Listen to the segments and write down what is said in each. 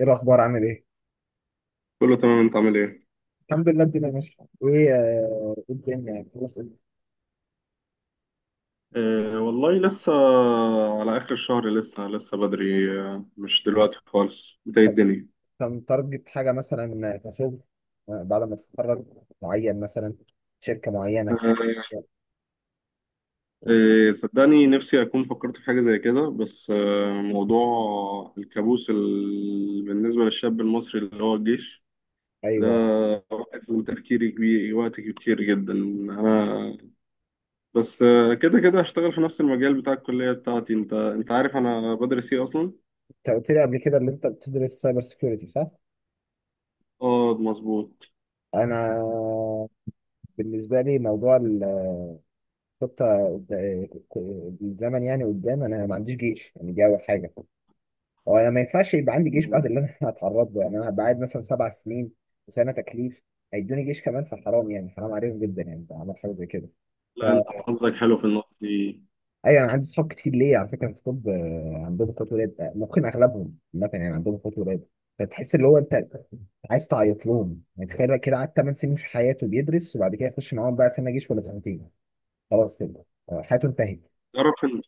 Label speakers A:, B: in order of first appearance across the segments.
A: ايه الاخبار؟ عامل ايه؟
B: كله تمام انت عامل ايه؟
A: الحمد لله، الدنيا ماشيه. ايه إيه الدنيا يعني؟ خلاص، إنت
B: أه والله لسه على آخر الشهر لسه لسه بدري، مش دلوقتي خالص بداية الدنيا.
A: متارجت حاجه مثلا كشغل؟ بعد ما تتخرج؟ معين مثلا؟ شركه معينه؟
B: أه، صدقني نفسي أكون فكرت في حاجة زي كده. بس موضوع الكابوس بالنسبة للشاب المصري اللي هو الجيش ده
A: ايوه،
B: واخد من تفكيري كبير وقت كتير جدا. أنا بس كده كده هشتغل في نفس المجال بتاع الكلية بتاعتي. أنت عارف أنا بدرس إيه أصلا؟
A: انت قلت لي قبل كده اللي انت بتدرس سايبر سيكيورتي، صح؟
B: اه مظبوط.
A: انا بالنسبه لي موضوع الخطه، قد- الزمن يعني قدام، انا ما عنديش جيش يعني، دي اول حاجه. هو انا ما ينفعش يبقى عندي جيش بعد اللي انا هتعرض له يعني، انا هبقى قاعد مثلا سبع سنين وسنه تكليف، هيدوني جيش كمان، فحرام يعني، حرام عليهم جدا يعني لو عملت حاجه زي كده.
B: لا انت
A: فا
B: حظك حلو في النقطة دي.
A: ايوه، انا عندي صحاب كتير ليه على فكره في طب، عندهم اخوات ولاد، ممكن اغلبهم مثلا يعني عندهم اخوات ولاد. فتحس اللي هو انت عايز تعيط لهم. يعني تخيل بقى كده، قعد 8 سنين في حياته بيدرس، وبعد كده يخش معاهم بقى سنه جيش ولا سنتين، خلاص كده. حياته انتهت.
B: تعرف ان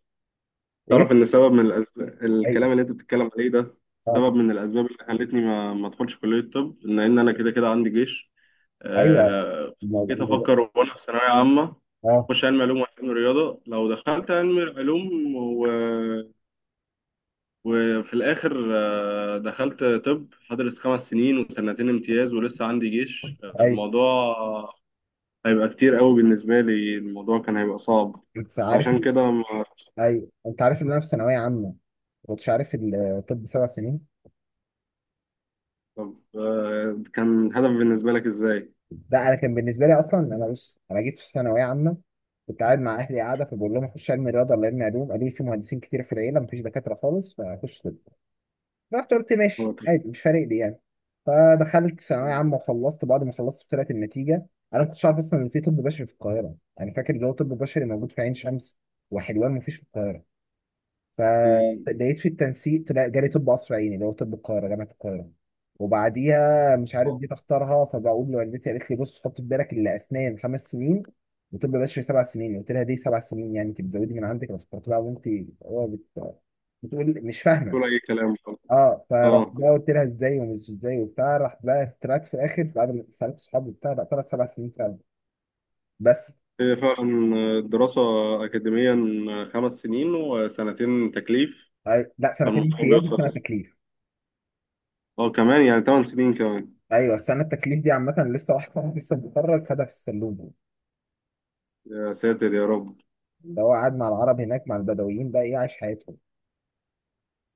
B: تعرف
A: ايه؟
B: ان سبب من الأسباب
A: ايوه.
B: الكلام اللي انت بتتكلم عليه ده
A: آه.
B: سبب من الاسباب اللي خلتني ما ادخلش كلية الطب، ان انا كده كده عندي جيش.
A: ايوه.
B: جيت
A: الموضوع-
B: افكر وانا في ثانوية عامة
A: اه.
B: اخش علم علوم وعلم رياضة. لو دخلت علم علوم وفي الاخر دخلت طب هدرس خمس سنين وسنتين امتياز ولسه عندي جيش.
A: ايوه،
B: الموضوع هيبقى كتير قوي بالنسبة لي. الموضوع كان هيبقى صعب
A: انت عارف.
B: عشان كده.
A: ايوه، انت عارف ان انا في ثانويه عامه ما كنتش عارف الطب سبع سنين.
B: طب كان الهدف بالنسبة لك إزاي؟
A: لا، انا كان بالنسبه لي اصلا، انا بص، انا جيت في ثانويه عامه، كنت قاعد مع اهلي قاعده، فبقول لهم اخش علم رياضه ولا علم علوم، قالوا لي في مهندسين كتير في العيله، مفيش دكاتره خالص، فاخش طب. رحت قلت ماشي
B: هو تفكير
A: عادي، مش فارق لي يعني. فدخلت ثانويه عامه وخلصت، بعد ما خلصت طلعت النتيجه. انا ما كنتش عارف اصلا ان في طب بشري في القاهره، يعني فاكر اللي هو طب بشري موجود في عين شمس وحلوان، مفيش في القاهره.
B: في-
A: فلقيت في التنسيق طلع جالي طب قصر عيني، اللي هو طب القاهرة، جامعة القاهرة. وبعديها مش عارف
B: هو
A: جيت اختارها، فبقول لوالدتي، قالت لي بص، حط في بالك اللي اسنان خمس سنين وطب بشري سبع سنين. قلت لها دي سبع سنين يعني؟ انت بتزودي من عندك بس بقى، وانت هو بت... بتقول مش فاهمه.
B: طول أي كلام خلاص.
A: اه، فرحت
B: أه،
A: بقى قلت لها ازاي ومش ازاي وبتاع، راح بقى طلعت في الاخر بعد ما سالت صحابي وبتاع، لا طلعت سبع سنين فعلا. بس
B: هي فعلا الدراسة أكاديميا خمس سنين وسنتين تكليف،
A: لا، سنتين
B: فالموضوع
A: امتياز وسنه
B: بيوصل.
A: تكليف.
B: أه كمان يعني تمن سنين كمان.
A: ايوه، السنه التكليف دي عامه، لسه واحد صاحبي لسه متخرج خدها في السلوم،
B: يا ساتر يا رب.
A: اللي هو قاعد مع العرب هناك، مع البدويين بقى، ايه، عايش حياتهم.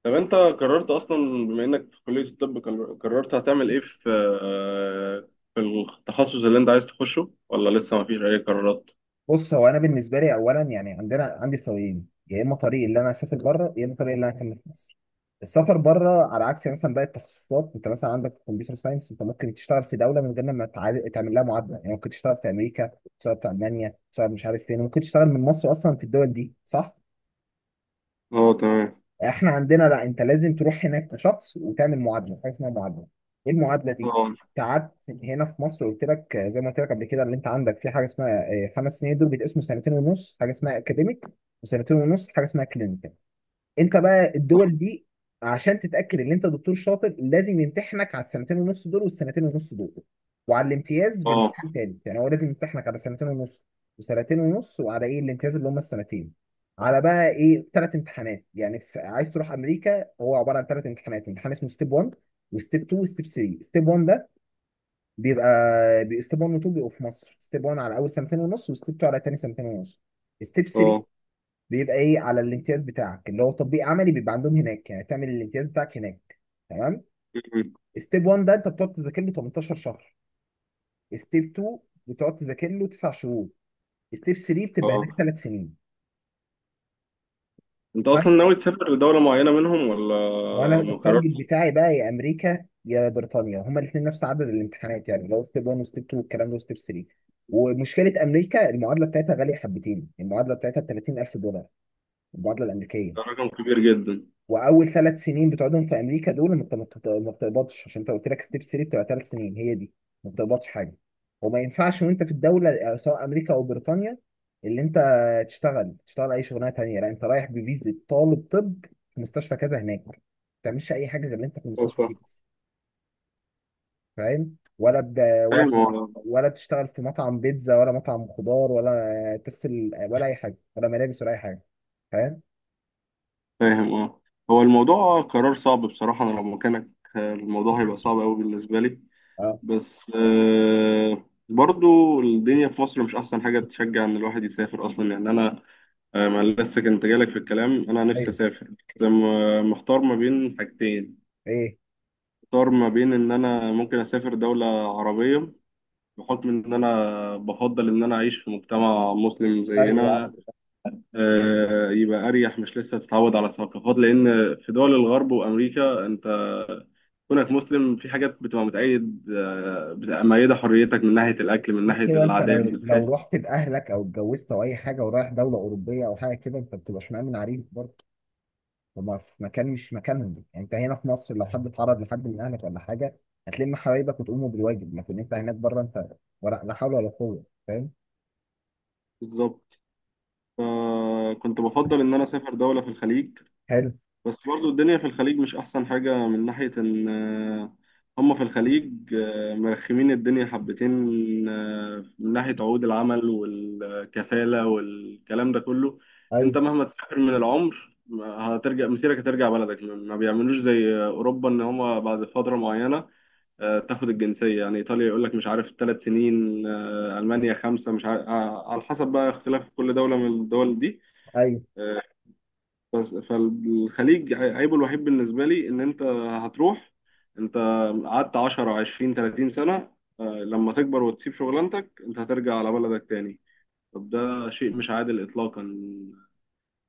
B: طب أنت قررت أصلا، بما إنك في كلية الطب، قررت هتعمل إيه في آه، في التخصص اللي أنت عايز تخشه ولا لسه مفيش أي قرارات؟
A: بص، هو انا بالنسبه لي اولا يعني عندي طريقين، يا اما طريق اللي انا اسافر بره، يا اما طريق اللي انا اكمل في مصر. السفر بره، على عكس مثلا باقي التخصصات، انت مثلا عندك كمبيوتر ساينس انت ممكن تشتغل في دوله من غير ما تعمل لها معادله، يعني ممكن تشتغل في امريكا، تشتغل في المانيا، تشتغل مش عارف فين، ممكن تشتغل من مصر اصلا في الدول دي، صح؟
B: أه تمام.
A: احنا عندنا لا، انت لازم تروح هناك كشخص وتعمل معادله، حاجه اسمها معادله. ايه المعادله دي؟
B: أه،
A: انت قعدت هنا في مصر، قلت لك زي ما قلت لك قبل كده، اللي انت عندك في حاجه اسمها خمس سنين، دول بيتقسموا سنتين ونص حاجه اسمها اكاديميك، وسنتين ونص حاجه اسمها كلينيكال. انت بقى الدول دي عشان تتاكد ان انت دكتور شاطر، لازم يمتحنك على السنتين ونص دول والسنتين ونص دول، وعلى الامتياز
B: أه،
A: بامتحان تاني. يعني هو لازم يمتحنك على سنتين ونص وسنتين ونص، وعلى ايه، الامتياز اللي هم السنتين. على بقى ايه، ثلاث امتحانات يعني. عايز تروح امريكا، هو عباره عن ثلاث امتحانات، امتحان اسمه ستيب 1 وستيب 2 وستيب 3. ستيب 1 ده بيبقى، ستيب 1 و 2 بيبقوا في مصر، ستيب 1 على اول سنتين ونص، وستيب 2 على تاني سنتين ونص. ستيب 3
B: أه.
A: بيبقى ايه، على الامتياز بتاعك، اللي هو تطبيق عملي، بيبقى عندهم هناك، يعني تعمل الامتياز بتاعك هناك، تمام؟ ستيب 1 ده انت بتقعد تذاكر له 18 شهر، ستيب 2 بتقعد تذاكر له 9 شهور، ستيب 3 بتبقى هناك
B: اه.
A: 3 سنين،
B: انت
A: فاهم؟
B: اصلا ناوي تسافر لدولة معينة منهم ولا
A: وانا
B: ما
A: التارجت
B: قررتش؟
A: بتاعي بقى يا امريكا يا بريطانيا، هما الاثنين نفس عدد الامتحانات، يعني اللي هو ستيب 1 وستيب 2 والكلام ده وستيب 3. ومشكله امريكا، المعادله بتاعتها غاليه حبتين، المعادله بتاعتها ب 30,000 دولار، المعادله الامريكيه.
B: ده رقم كبير جدا.
A: واول ثلاث سنين بتقعدهم في امريكا دول انت ما بتقبضش، عشان انت قلت لك ستيب 3 بتبقى ثلاث سنين، هي دي، ما بتقبضش حاجه. وما ينفعش وانت في الدوله، سواء امريكا او بريطانيا، اللي انت تشتغل اي شغلانه تانيه، لا انت رايح بفيزا طالب طب في مستشفى كذا هناك، ما بتعملش اي حاجه غير اللي انت في
B: أه،
A: المستشفى دي بس. فاهم ولا
B: فاهم اه.
A: ولا تشتغل في مطعم بيتزا ولا مطعم خضار ولا تغسل ولا اي حاجه ولا ملابس ولا اي حاجه، فاهم؟
B: فاهم اه. هو الموضوع قرار صعب بصراحة. انا لو مكانك الموضوع هيبقى صعب قوي بالنسبة لي.
A: اه.
B: بس برضو الدنيا في مصر مش احسن حاجة تشجع ان الواحد يسافر اصلا. يعني انا ما لسه كنت جالك في الكلام. انا نفسي
A: ايوه.
B: اسافر بس محتار ما بين حاجتين.
A: ايه
B: محتار ما بين ان انا ممكن اسافر دولة عربية بحكم إن أنا بفضل إن أنا أعيش في مجتمع مسلم
A: فرق؟
B: زينا. يبقى أريح، مش لسه تتعود على ثقافات، لأن في دول الغرب وأمريكا أنت كونك مسلم في حاجات بتبقى متأيد آه، بتبقى مأيدة حريتك، من ناحية الأكل، من
A: غير
B: ناحية
A: كده انت
B: العادات.
A: لو رحت باهلك او اتجوزت او اي حاجه ورايح دوله اوروبيه او حاجه كده، انت بتبقاش مأمن عليك برضه. هما في مكان مش مكانهم يعني. انت هنا في مصر لو حد اتعرض لحد من اهلك ولا حاجه، هتلم حبايبك وتقوموا بالواجب، لكن انت هناك بره، انت ولا لا حول ولا قوه، فاهم؟
B: بالظبط. فكنت بفضل إن أنا أسافر دولة في الخليج.
A: حلو.
B: بس برضو الدنيا في الخليج مش أحسن حاجة من ناحية إن هم في الخليج مرخمين الدنيا حبتين، من ناحية عقود العمل والكفالة والكلام ده كله.
A: ايوه،
B: أنت مهما تسافر من العمر ما هترجع، مسيرك هترجع بلدك. ما بيعملوش زي أوروبا، إن هم بعد فترة معينة تاخد الجنسية. يعني إيطاليا يقول لك مش عارف ثلاث سنين، ألمانيا خمسة مش عارف، على حسب بقى اختلاف كل دولة من الدول دي.
A: ايوه،
B: آه، بس فالخليج عيبه الوحيد بالنسبة لي إن أنت هتروح. أنت قعدت 10 20 30 سنة، لما تكبر وتسيب شغلانتك أنت هترجع على بلدك تاني. طب ده شيء مش عادل إطلاقا.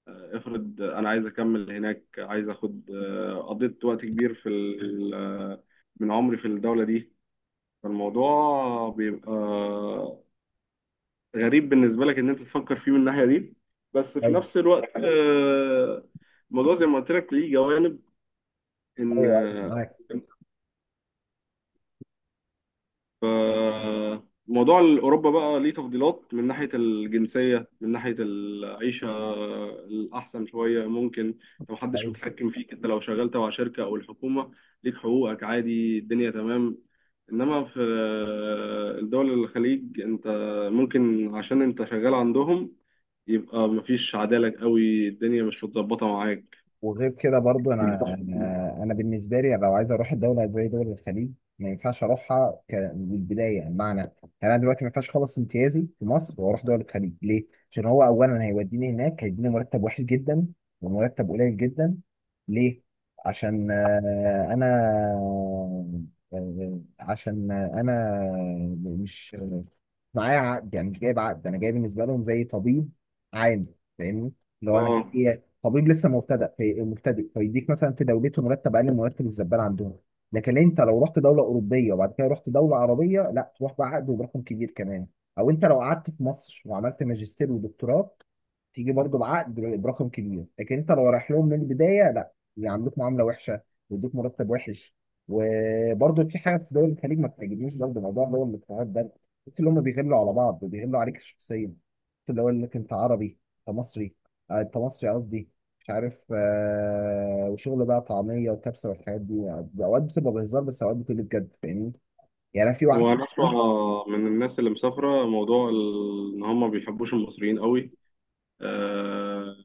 B: افرض أنا عايز أكمل هناك، عايز أخد آه، قضيت وقت كبير في ال- آه، من عمري في الدولة دي. فالموضوع بيبقى غريب بالنسبة لك إن أنت تفكر فيه من الناحية دي. بس في
A: ايوه،
B: نفس الوقت الموضوع زي ما قلت لك ليه جوانب. ان
A: ايوه، ايوه معاك.
B: موضوع اوروبا بقى ليه تفضيلات من ناحيه الجنسيه، من ناحيه العيشه الاحسن شويه ممكن، لو محدش
A: ايوه،
B: متحكم فيك، انت لو شغال تبع شركه او الحكومه ليك حقوقك، عادي الدنيا تمام. انما في الدول الخليج انت ممكن عشان انت شغال عندهم يبقى مفيش عدالة قوي، الدنيا مش متظبطة معاك.
A: وغير كده برضو انا انا أنا بالنسبه لي لو عايز اروح الدوله زي دول الخليج، ما ينفعش اروحها من البدايه، بمعنى يعني انا دلوقتي ما ينفعش اخلص امتيازي في مصر واروح دول الخليج. ليه؟ عشان هو اولا هيوديني هناك هيديني مرتب وحش جدا ومرتب قليل جدا. ليه؟ عشان انا عشان انا مش معايا عقد، يعني مش جايب عقد، انا جاي بالنسبه لهم زي طبيب عام، فاهمني؟ لو انا
B: اه.
A: جاي طبيب لسه مبتدأ في مبتدئ فيديك مثلا في دولته مرتب اقل من مرتب الزبال عندهم. لكن انت لو رحت دوله اوروبيه وبعد كده رحت دوله عربيه، لا، تروح بعقد وبرقم كبير كمان. او انت لو قعدت في مصر وعملت ماجستير ودكتوراه، تيجي برضو بعقد برقم كبير. لكن انت لو رايح لهم من البدايه، لا، يعاملوك معامله وحشه ويدوك مرتب وحش. وبرضو في حاجه في دول الخليج ما بتعجبنيش، برضو موضوع اللي هو الاقتراض ده، بس اللي هم بيغلوا على بعض وبيغلوا عليك شخصيا، بس اللي هو انك انت عربي، انت مصري. انت مصري قصدي. مش عارف، وشغل بقى طعميه وكبسه والحاجات دي، يعني اوقات بتبقى بهزار، بس اوقات بتبقى بجد، فاهمني؟ يعني انا في واحد،
B: هو انا اسمع من الناس اللي مسافره موضوع ان هم ما بيحبوش المصريين قوي. آه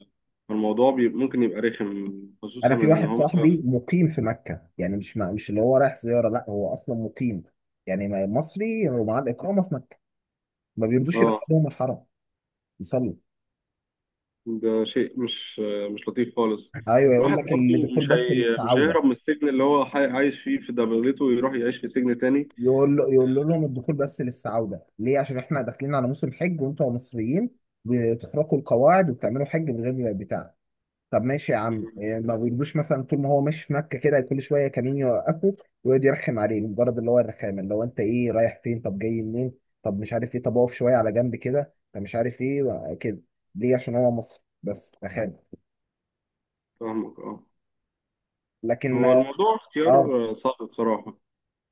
B: الموضوع ممكن يبقى رخم، خصوصا
A: انا في
B: ان
A: واحد
B: هم.
A: صاحبي مقيم في مكه، يعني مش اللي هو رايح زياره، لا هو اصلا مقيم، يعني مصري ومعاه الاقامه في مكه، ما بيرضوش
B: اه،
A: يدخلهم الحرم يصلوا.
B: ده شيء مش لطيف خالص.
A: ايوه، يقول
B: الواحد
A: لك
B: برضه
A: الدخول بس
B: مش
A: للسعوده،
B: هيهرب من السجن اللي هو عايش فيه في دبلته ويروح يعيش في سجن تاني.
A: يقول لهم الدخول بس للسعوده، ليه؟ عشان احنا داخلين على موسم حج وانتوا مصريين بتخرقوا القواعد وبتعملوا حج من غير بتاع. طب ماشي يا عم، يعني ما بيجيبوش مثلا، طول ما هو ماشي في مكه كده كل شويه كمين يوقفه ويقعد يرخم عليه، مجرد اللي هو الرخامه، اللي هو انت ايه، رايح فين، طب جاي منين، طب مش عارف ايه، طب اقف شويه على جنب كده، طب مش عارف ايه كده. ليه؟ عشان هو مصري، بس رخامه.
B: فاهمك اه.
A: لكن
B: هو الموضوع
A: اه،
B: اختيار صعب بصراحه.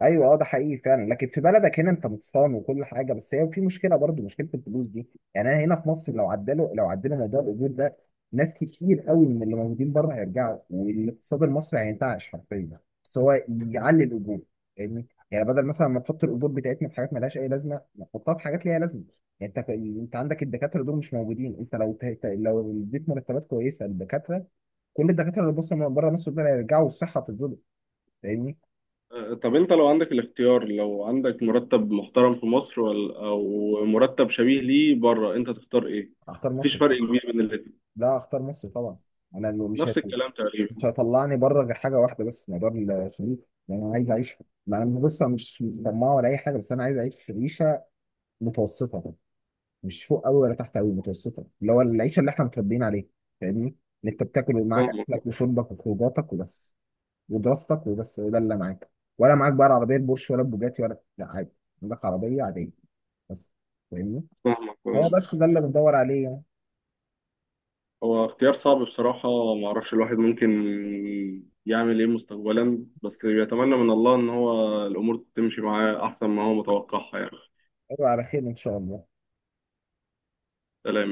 A: ايوه اه، ده حقيقي فعلا. لكن في بلدك هنا انت متصان وكل حاجه، بس هي في مشكله، برضو مشكله الفلوس دي. يعني انا هنا في مصر لو عدلوا موضوع الاجور ده، ناس كتير قوي من اللي موجودين بره هيرجعوا، والاقتصاد المصري هينتعش حرفيا، بس هو يعلي الاجور. يعني بدل مثلا ما نحط الاجور بتاعتنا في حاجات مالهاش اي لازمه، نحطها في حاجات ليها لازمه. يعني انت عندك الدكاتره دول مش موجودين، انت لو لو اديت مرتبات كويسه للدكاتره، كل الدكاتره اللي بصوا من بره مصر دول هيرجعوا والصحه هتتظبط، فاهمني؟
B: طب انت لو عندك الاختيار، لو عندك مرتب محترم في مصر او مرتب شبيه ليه بره انت تختار ايه؟
A: اختار
B: مفيش
A: مصر.
B: فرق كبير بين الاتنين.
A: لا، اختار مصر طبعا. انا اللي مش
B: نفس
A: هيطل...
B: الكلام
A: مش
B: تقريبا.
A: هيطلعني بره غير حاجه واحده بس، موضوع الشريف. يعني انا عايز اعيش، ما انا بص، أنا مش طماع ولا اي حاجه، بس انا عايز اعيش عيشه متوسطه، مش فوق قوي ولا تحت قوي، متوسطه، اللي هو العيشه اللي احنا متربيين عليها، فاهمني؟ اللي انت بتاكل ومعاك
B: فاهمك.
A: اكلك وشربك وخروجاتك وبس، ودراستك وبس، ده اللي معاك. ولا معاك بقى العربيه البورش ولا البوجاتي ولا؟ لا، عادي، عندك عربيه عاديه بس، فاهمني؟
B: فاهمك
A: هو
B: آه.
A: بس ده اللي بندور عليه يعني.
B: هو اختيار صعب بصراحة. معرفش الواحد ممكن يعمل ايه مستقبلا، بس يتمنى من الله ان هو الامور تمشي معاه احسن ما هو متوقعها يعني.
A: أيوة، على خير ان شاء الله.
B: سلام.